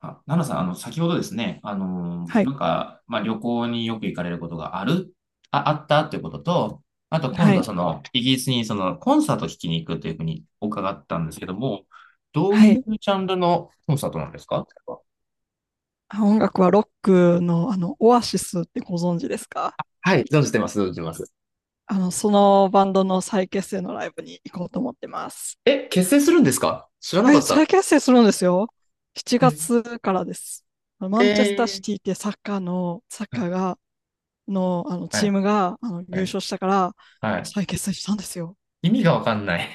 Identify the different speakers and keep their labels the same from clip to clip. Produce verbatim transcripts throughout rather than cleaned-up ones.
Speaker 1: あ、ナナさん、あの、先ほどですね、あの
Speaker 2: は
Speaker 1: な
Speaker 2: い、
Speaker 1: んか、まあ、旅行によく行かれることがある、あ、あったってことと、あと今
Speaker 2: は
Speaker 1: 度、
Speaker 2: い、
Speaker 1: その、イギリスにその、コンサート聞きに行くというふうに伺ったんですけども、どう
Speaker 2: は
Speaker 1: いう
Speaker 2: い。
Speaker 1: ジャンルのコンサートなんですか？
Speaker 2: あ、音楽はロックの、あの、オアシスってご存知ですか？
Speaker 1: はい、存じてます、存じてます。
Speaker 2: あの、そのバンドの再結成のライブに行こうと思ってます。
Speaker 1: え、結成するんですか？知らなか
Speaker 2: え、
Speaker 1: っ
Speaker 2: 再
Speaker 1: た。
Speaker 2: 結成するんですよ。7
Speaker 1: え
Speaker 2: 月からです。あのマンチェスターシ
Speaker 1: え
Speaker 2: ティってサッカーの、サッ
Speaker 1: ーは
Speaker 2: カーが、の、あの、
Speaker 1: い、
Speaker 2: チーム
Speaker 1: は
Speaker 2: が、あの、優
Speaker 1: い、
Speaker 2: 勝したから、
Speaker 1: はい。
Speaker 2: 再結成したんですよ。
Speaker 1: 意味がわかんない。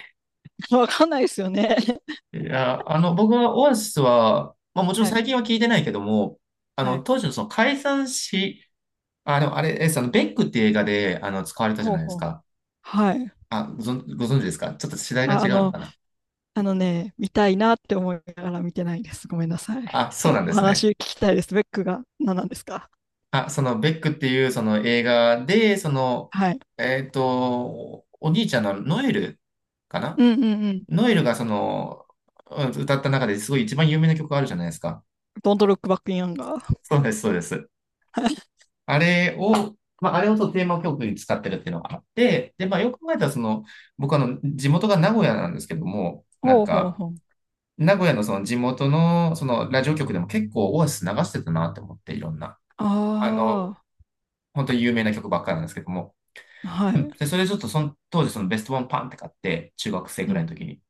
Speaker 2: わかんないですよね。
Speaker 1: いや、あの、僕はオアシスは、まあもちろん
Speaker 2: はい、
Speaker 1: 最近は聞いてないけども、あ
Speaker 2: は
Speaker 1: の、
Speaker 2: い。
Speaker 1: 当時のその解散し、あ、でもあれ、え、その、ベックって映画で、あの、使われたじゃ
Speaker 2: ほう
Speaker 1: ないです
Speaker 2: ほう。
Speaker 1: か。
Speaker 2: はい。
Speaker 1: あ、ご存、ご存知ですか？ちょっと世代が
Speaker 2: あ、あ
Speaker 1: 違うの
Speaker 2: の、
Speaker 1: かな。
Speaker 2: あのね、見たいなって思いながら見てないです。ごめんなさい。
Speaker 1: あ、
Speaker 2: あ
Speaker 1: そう
Speaker 2: の、
Speaker 1: なん
Speaker 2: お
Speaker 1: です
Speaker 2: 話
Speaker 1: ね。
Speaker 2: 聞きたいです。ベックが何なんですか？
Speaker 1: あ、その、ベックっていう、その映画で、その、
Speaker 2: はい。
Speaker 1: えっと、お兄ちゃんのノエル、かな。
Speaker 2: うんうんうん。
Speaker 1: ノエルが、その、うん歌った中ですごい一番有名な曲があるじゃないですか。
Speaker 2: Don't look back in anger.
Speaker 1: そうです、そうです。
Speaker 2: はい。
Speaker 1: あれを、まあ、あれをそのテーマ曲に使ってるっていうのがあって、で、まあ、よく考えたら、その、僕あの、地元が名古屋なんですけども、なん
Speaker 2: ほうほう
Speaker 1: か、
Speaker 2: ほう。
Speaker 1: 名古屋のその地元のそのラジオ局でも結構オアシス流してたなって思って、いろんな。
Speaker 2: あ
Speaker 1: あの、本当に有名な曲ばっかりなんですけども。
Speaker 2: あ、は
Speaker 1: うん。
Speaker 2: い。
Speaker 1: で、それちょっとその当時そのベストワンパンって買って、中学生
Speaker 2: う
Speaker 1: ぐらい
Speaker 2: ん、
Speaker 1: の時に。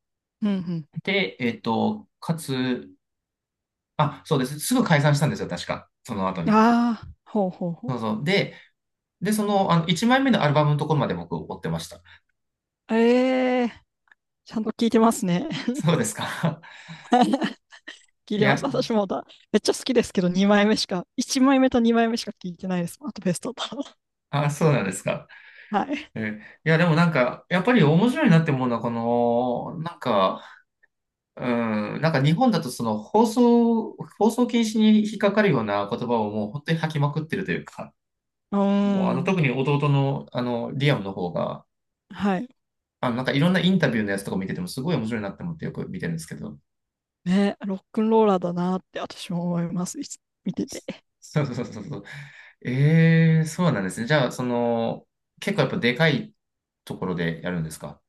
Speaker 2: うん、う
Speaker 1: で、えっと、かつ、あ、そうです。すぐ解散したんですよ、確か。その後
Speaker 2: ん。
Speaker 1: に。
Speaker 2: ああ、ほうほうほう。
Speaker 1: そうそう。で、で、その、あの、いちまいめのアルバムのところまで僕追ってました。
Speaker 2: ええ、ちゃんと聞いてますね。
Speaker 1: そうですか。
Speaker 2: 聞い
Speaker 1: い
Speaker 2: てます。
Speaker 1: や、
Speaker 2: 私もまだ、めっちゃ好きですけど、にまいめしか、いちまいめとにまいめしか聞いてないです。あとベストだ。
Speaker 1: あ、そうなんですか。
Speaker 2: はい。
Speaker 1: えー、いや、でもなんか、やっぱり面白いなって思うのは、この、なんか、うん、なんか日本だとその放送、放送禁止に引っかかるような言葉をもう本当に吐きまくってるというか、
Speaker 2: うー
Speaker 1: もうあの
Speaker 2: ん。
Speaker 1: 特に弟のあのリアムの方が、
Speaker 2: はい。
Speaker 1: あのなんかいろんなインタビューのやつとか見ててもすごい面白いなって思ってよく見てるんですけど。
Speaker 2: ね、ロックンローラーだなって私も思います。いつ見てて。
Speaker 1: そうそうそうそうそう。ええ、そうなんですね。じゃあ、その、結構やっぱでかいところでやるんですか？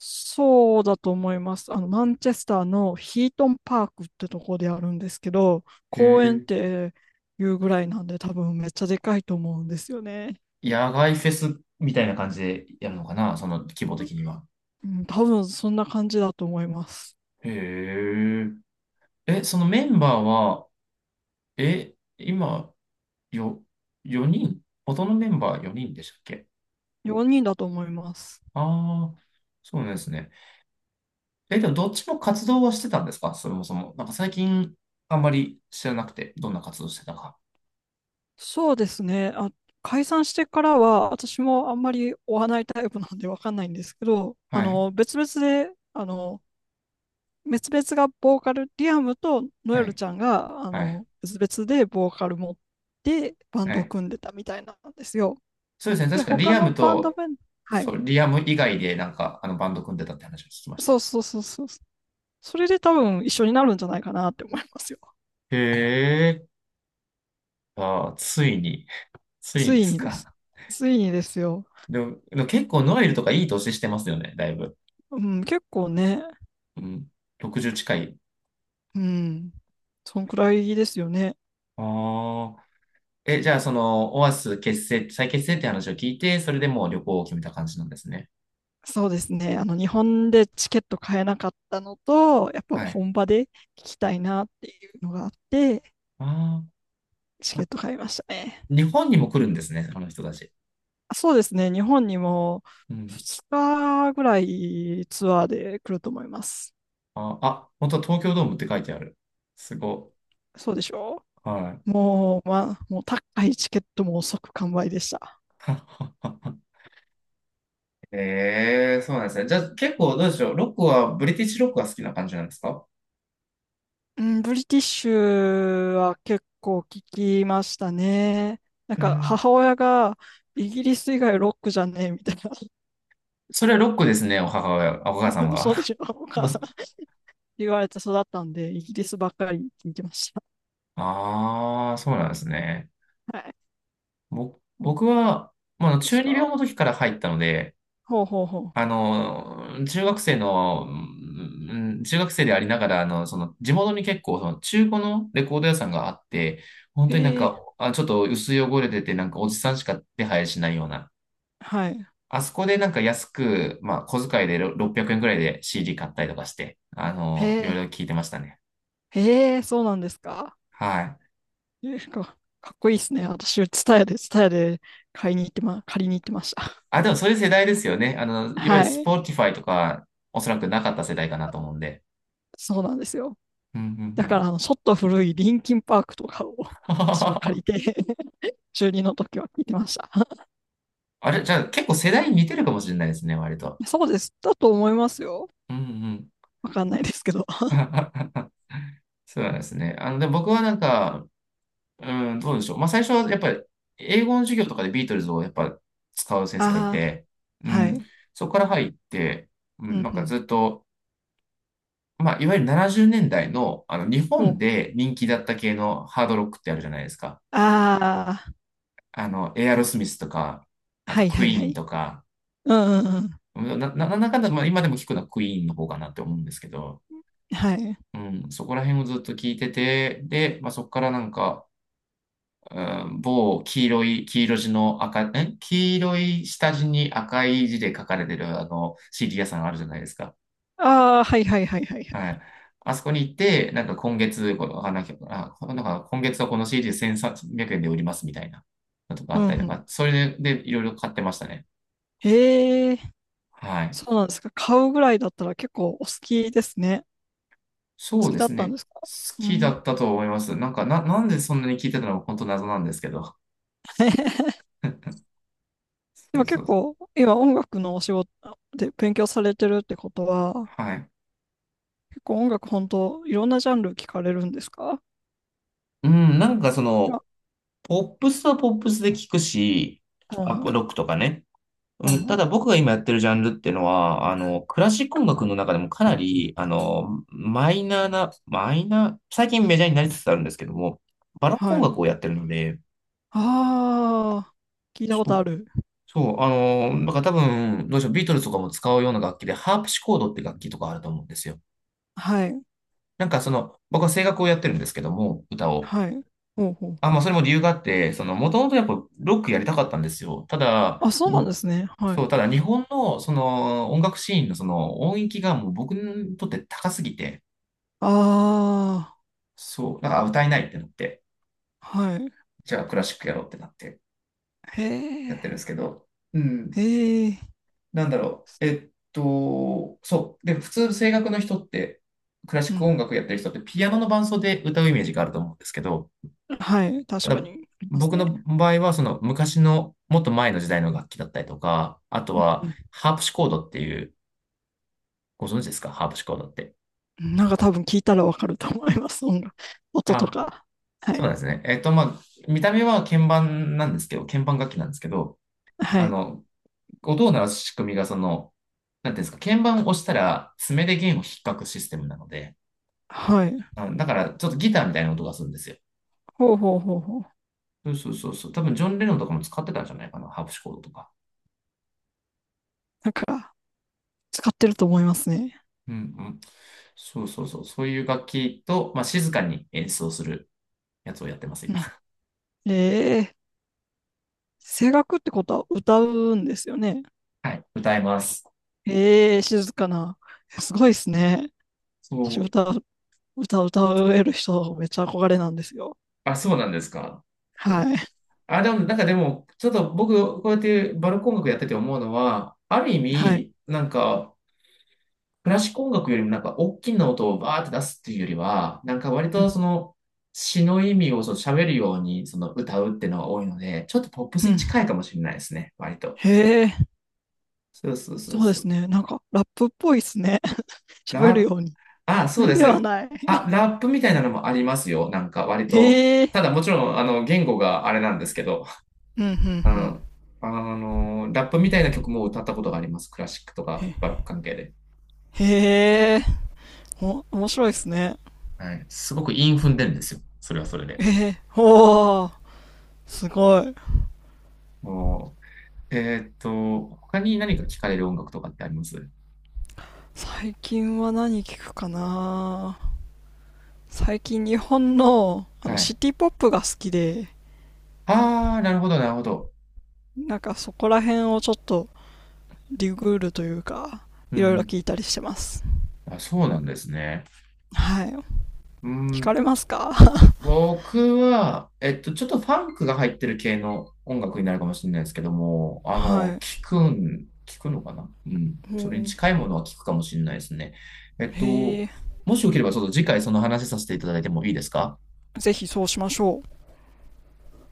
Speaker 2: そうだと思います。あの、マンチェスターのヒートンパークってとこであるんですけど、
Speaker 1: へ
Speaker 2: 公園っ
Speaker 1: え。
Speaker 2: ていうぐらいなんで多分めっちゃでかいと思うんですよね。
Speaker 1: 野外フェスみたいな感じでやるのかな、その規模的には。
Speaker 2: うん、多分そんな感じだと思います。
Speaker 1: へえ。え、そのメンバーは、え、今、よ、よにん、元のメンバーよにんでしたっけ？
Speaker 2: よにんだと思います。
Speaker 1: ああー、そうなんですね。え、でもどっちも活動はしてたんですか、そもそも。なんか最近、あんまり知らなくて、どんな活動してたか。
Speaker 2: そうですね。あ、解散してからは私もあんまり追わないタイプなんでわかんないんですけど、あ
Speaker 1: はい、
Speaker 2: の、別々で、あの、別々がボーカル、リアムとノエ
Speaker 1: は
Speaker 2: ル
Speaker 1: い、
Speaker 2: ちゃんが、あ
Speaker 1: はい、
Speaker 2: の、別々でボーカル持ってバン
Speaker 1: は
Speaker 2: ドを
Speaker 1: い。
Speaker 2: 組んでたみたいなんですよ。
Speaker 1: そうですね。
Speaker 2: で、
Speaker 1: 確かリ
Speaker 2: 他
Speaker 1: ア
Speaker 2: の
Speaker 1: ム
Speaker 2: バンド
Speaker 1: と、
Speaker 2: メン、は
Speaker 1: そ
Speaker 2: い。
Speaker 1: う、リアム以外で、なんか、あの、バンド組んでたって話を聞きまし
Speaker 2: そ
Speaker 1: た。
Speaker 2: うそうそうそう。それで多分一緒になるんじゃないかなって思いますよ。
Speaker 1: へえ、あー、ついに、つい
Speaker 2: つ
Speaker 1: にで
Speaker 2: い
Speaker 1: す
Speaker 2: にです。
Speaker 1: か。
Speaker 2: ついにですよ。
Speaker 1: でも、でも結構ノエルとかいい年してますよね、だいぶ。
Speaker 2: うん、結構ね、
Speaker 1: うん、ろくじゅう近い。
Speaker 2: うん、そんくらいですよね。
Speaker 1: ああ。え、じゃあ、その、オアシス結成、再結成って話を聞いて、それでもう旅行を決めた感じなんですね。
Speaker 2: そうですね。あの、日本でチケット買えなかったのと、やっぱ
Speaker 1: はい。
Speaker 2: 本場で聞きたいなっていうのがあって、
Speaker 1: ああ、
Speaker 2: チケット買いましたね。
Speaker 1: 日本にも来るんですね、あの人たち。
Speaker 2: そうですね。日本にも
Speaker 1: うん。
Speaker 2: ふつかぐらいツアーで来ると思います。
Speaker 1: あ、あ、本当は東京ドームって書いてある。すご
Speaker 2: そうでしょ
Speaker 1: い。はい。
Speaker 2: う。もう、まあ、もう高いチケットも即完売でした。
Speaker 1: ええ、そうなんですね。じゃあ、結構どうでしょう。ロックは、ブリティッシュロックが好きな感じなんですか？
Speaker 2: うん、ブリティッシュは結構聞きましたね。なん
Speaker 1: う
Speaker 2: か
Speaker 1: ん。
Speaker 2: 母親がイギリス以外ロックじゃねえみたい
Speaker 1: それはロックですね、お母親、お
Speaker 2: な、
Speaker 1: 母さん
Speaker 2: そうで
Speaker 1: が。
Speaker 2: しょお母さん 言われて育ったんで、イギリスばっかり聞いてました。
Speaker 1: ああ、そうなんですね。
Speaker 2: はい。
Speaker 1: ぼ僕は、まあ、
Speaker 2: です
Speaker 1: 中二病
Speaker 2: か。
Speaker 1: の時から入ったので、
Speaker 2: ほうほうほ
Speaker 1: あの、中学生の、うん中学生でありながら、あの、その、地元に結構、その、中古のレコード屋さんがあって、本
Speaker 2: う。
Speaker 1: 当になん
Speaker 2: へえ、
Speaker 1: か、あ、ちょっと薄汚れてて、なんかおじさんしか手配しないような。
Speaker 2: はい。
Speaker 1: あそこでなんか安く、まあ、小遣いでろろっぴゃくえんくえんくらいで シーディー 買ったりとかして、あ
Speaker 2: へ
Speaker 1: の、いろいろ
Speaker 2: え、
Speaker 1: 聞いてましたね。
Speaker 2: へえ、そうなんですか？
Speaker 1: はい。
Speaker 2: ですか。かっこいいですね。私、ツタヤで、ツタヤで買いに行ってま、借りに行ってました。
Speaker 1: あ、でもそういう世代ですよね。あの、いわゆる
Speaker 2: はい。
Speaker 1: Spotify とか、おそらくなかった世代かなと思うんで。
Speaker 2: そうなんですよ。
Speaker 1: うんう
Speaker 2: だから、
Speaker 1: ん
Speaker 2: あの、ちょっと古いリンキンパークとかを
Speaker 1: う
Speaker 2: 私は借り
Speaker 1: ん。
Speaker 2: て 中にの時は聞いてました。
Speaker 1: あれ、じゃあ結構世代似てるかもしれないですね、割と。
Speaker 2: そうです。だと思いますよ。
Speaker 1: うんうん。
Speaker 2: わかんないですけど。
Speaker 1: そうなんですね。あの、で、僕はなんか、うん、どうでしょう。まあ、最初はやっぱり、英語の授業とかでビートルズをやっぱ使う先生がい
Speaker 2: ああ、
Speaker 1: て、う
Speaker 2: は
Speaker 1: ん、
Speaker 2: い。
Speaker 1: そこから入って、う
Speaker 2: う
Speaker 1: ん、なんか
Speaker 2: ん
Speaker 1: ずっと、まあ、いわゆるななじゅうねんだいの、あの、日
Speaker 2: うん。
Speaker 1: 本
Speaker 2: お、
Speaker 1: で人気だった系のハードロックってあるじゃないですか。
Speaker 2: あ
Speaker 1: あの、エアロスミスとか、
Speaker 2: あ、
Speaker 1: あ
Speaker 2: は
Speaker 1: と
Speaker 2: い
Speaker 1: ク
Speaker 2: は
Speaker 1: イ
Speaker 2: いは
Speaker 1: ーン
Speaker 2: い。
Speaker 1: とか、
Speaker 2: うんうんうん。
Speaker 1: うんな、な、なんだかんだ、まあ、今でも聞くのはクイーンの方かなって思うんですけど、
Speaker 2: はい。
Speaker 1: うん、そこら辺をずっと聞いてて、で、まあ、そこからなんか、うん、某黄色い、黄色地の赤、え黄色い下地に赤い字で書かれてるあの シーディー 屋さんあるじゃないですか。
Speaker 2: ああ、はいはいはいはい。
Speaker 1: はい。あそこに行って、なんか今月、この、あ、なんか、あなんか今月はこの シーディー せんさんびゃくえんで売りますみたいなのとかあ
Speaker 2: う
Speaker 1: っ
Speaker 2: んう
Speaker 1: たりと
Speaker 2: ん。
Speaker 1: か、それで、でいろいろ買ってましたね。
Speaker 2: へえ、
Speaker 1: はい。
Speaker 2: そうなんですか。買うぐらいだったら結構お好きですね。
Speaker 1: そ
Speaker 2: 好
Speaker 1: う
Speaker 2: き
Speaker 1: で
Speaker 2: だっ
Speaker 1: す
Speaker 2: たん
Speaker 1: ね。
Speaker 2: ですか？
Speaker 1: 好
Speaker 2: う
Speaker 1: きだ
Speaker 2: ん。
Speaker 1: ったと思います。なんか、な、なんでそんなに聞いてたのか本当謎なんですけど。
Speaker 2: で
Speaker 1: そ
Speaker 2: も
Speaker 1: うそ
Speaker 2: 結
Speaker 1: う。
Speaker 2: 構、今音楽のお仕事で勉強されてるってことは、
Speaker 1: はい。
Speaker 2: 結構音楽本当、いろんなジャンル聞かれるんですか？
Speaker 1: うん、なんかそ
Speaker 2: あ、
Speaker 1: の、ポップスはポップスで聞くし、
Speaker 2: う
Speaker 1: あ
Speaker 2: んうん、
Speaker 1: ロックとかね。う
Speaker 2: うん
Speaker 1: ん、
Speaker 2: ほ
Speaker 1: た
Speaker 2: ん。
Speaker 1: だ僕が今やってるジャンルっていうのは、あの、クラシック音楽の中でもかなり、あの、マイナーな、マイナー、最近メジャーになりつつあるんですけども、バロック
Speaker 2: は
Speaker 1: 音楽
Speaker 2: い。
Speaker 1: をやってるので、
Speaker 2: ああ、聞いたこ
Speaker 1: そ
Speaker 2: と
Speaker 1: う、
Speaker 2: ある。
Speaker 1: そう、あの、だから多分、どうでしょう、ビートルズとかも使うような楽器で、ハープシコードって楽器とかあると思うんですよ。
Speaker 2: はい、
Speaker 1: なんかその、僕は声楽をやってるんですけども、歌を。
Speaker 2: はい。ほうほう。
Speaker 1: あ、まあ、それも理由があって、その、もともとやっぱロックやりたかったんですよ。ただ、
Speaker 2: あ、そうなん
Speaker 1: に
Speaker 2: ですね。はい。
Speaker 1: そう、ただ日本のその音楽シーンのその音域がもう僕にとって高すぎて、
Speaker 2: あ
Speaker 1: そう、なんか歌えないってなって、
Speaker 2: あ、はい。
Speaker 1: じゃあクラシックやろうってなって
Speaker 2: へ
Speaker 1: やっ
Speaker 2: え、
Speaker 1: てるんですけど、うん、
Speaker 2: へえ。
Speaker 1: なんだろう、えっと、そう、で、普通声楽の人って、クラシ
Speaker 2: う
Speaker 1: ック
Speaker 2: ん。
Speaker 1: 音楽やってる人ってピアノの伴奏で歌うイメージがあると思うんですけど、
Speaker 2: はい、確か
Speaker 1: だ
Speaker 2: にあります
Speaker 1: 僕
Speaker 2: ね。
Speaker 1: の場合は、その昔の、もっと前の時代の楽器だったりとか、あとは、
Speaker 2: う
Speaker 1: ハープシコードっていう、ご存知ですか、ハープシコードって。
Speaker 2: ん。なんか多分聞いたらわかると思います。音楽、音と
Speaker 1: あ、
Speaker 2: か。は
Speaker 1: そう
Speaker 2: い。
Speaker 1: なんですね。えっと、まあ、見た目は鍵盤なんですけど、鍵盤楽器なんですけど、
Speaker 2: は
Speaker 1: あ
Speaker 2: い。
Speaker 1: の、音を鳴らす仕組みが、その、なんていうんですか、鍵盤を押したら、爪で弦を引っかくシステムなので、
Speaker 2: はい。
Speaker 1: あだから、ちょっとギターみたいな音がするんですよ。
Speaker 2: ほうほうほうほう。
Speaker 1: そうそうそうそう。多分、ジョン・レノンとかも使ってたんじゃないかな、ハープシコードとか。
Speaker 2: なんか、使ってると思いますね。
Speaker 1: うんうん。そうそうそう。そういう楽器と、まあ、静かに演奏するやつをやってます、今。
Speaker 2: うん。ええ、声楽ってことは歌うんですよね。
Speaker 1: はい。歌います。
Speaker 2: ええ静かな。え、すごいですね。
Speaker 1: そ
Speaker 2: 私
Speaker 1: う、
Speaker 2: 歌う、歌う、歌える人、めっちゃ憧れなんですよ。
Speaker 1: あ、そうなんですか。
Speaker 2: はい。
Speaker 1: あ、でも、なんかでも、ちょっと僕、こうやってバルコン楽やってて思うのは、ある意
Speaker 2: はい。
Speaker 1: 味、なんか、クラシック音楽よりもなんか、大きな音をバーって出すっていうよりは、なんか割
Speaker 2: う
Speaker 1: と
Speaker 2: ん。
Speaker 1: その、詩の意味をその喋るようにその歌うっていうのが多いので、ちょっとポップス
Speaker 2: う
Speaker 1: に
Speaker 2: ん。
Speaker 1: 近いかもしれないですね、割と。
Speaker 2: へえ、
Speaker 1: そうそうそう
Speaker 2: そうで
Speaker 1: そ
Speaker 2: す
Speaker 1: う。
Speaker 2: ね。なんか、ラップっぽいですね。喋る
Speaker 1: ラ
Speaker 2: ように。
Speaker 1: あ、そうです
Speaker 2: では
Speaker 1: ね。
Speaker 2: な
Speaker 1: あ、
Speaker 2: い。
Speaker 1: ラップみたいなのもありますよ。なんか割 と。
Speaker 2: へえ、
Speaker 1: ただもちろん、あの、言語があれなんですけど、
Speaker 2: うん、うん、う
Speaker 1: あ
Speaker 2: ん。
Speaker 1: の、あの、ラップみたいな曲も歌ったことがあります。クラシックとかバロッ
Speaker 2: へ、
Speaker 1: ク関係で。
Speaker 2: へえ、お、面白いですね。
Speaker 1: はい。すごく韻踏んでるんですよ。それはそれで。
Speaker 2: ええ、おー。すごい。
Speaker 1: もう、えーっと、他に何か聞かれる音楽とかってあります？
Speaker 2: 最近は何聞くかな。最近日本の、あの、
Speaker 1: は
Speaker 2: シ
Speaker 1: い。
Speaker 2: ティポップが好きで、
Speaker 1: ああ、なるほど、なるほど。
Speaker 2: なんかそこら辺をちょっとリグールというか、
Speaker 1: う
Speaker 2: いろいろ
Speaker 1: ん
Speaker 2: 聞いたりしてます。
Speaker 1: うん。あ、そうなんですね。
Speaker 2: はい。
Speaker 1: うー
Speaker 2: 聞
Speaker 1: ん、
Speaker 2: かれますか？
Speaker 1: 僕は、えっと、ちょっとファンクが入ってる系の音楽になるかもしれないですけども、あの、
Speaker 2: は
Speaker 1: 聞くん、聞くのかな、うん。
Speaker 2: い。
Speaker 1: それに
Speaker 2: もう、
Speaker 1: 近いものは聞くかもしれないですね。えっと、
Speaker 2: へえ。
Speaker 1: もしよければ、ちょっと次回その話させていただいてもいいですか？
Speaker 2: ぜひそうしましょう。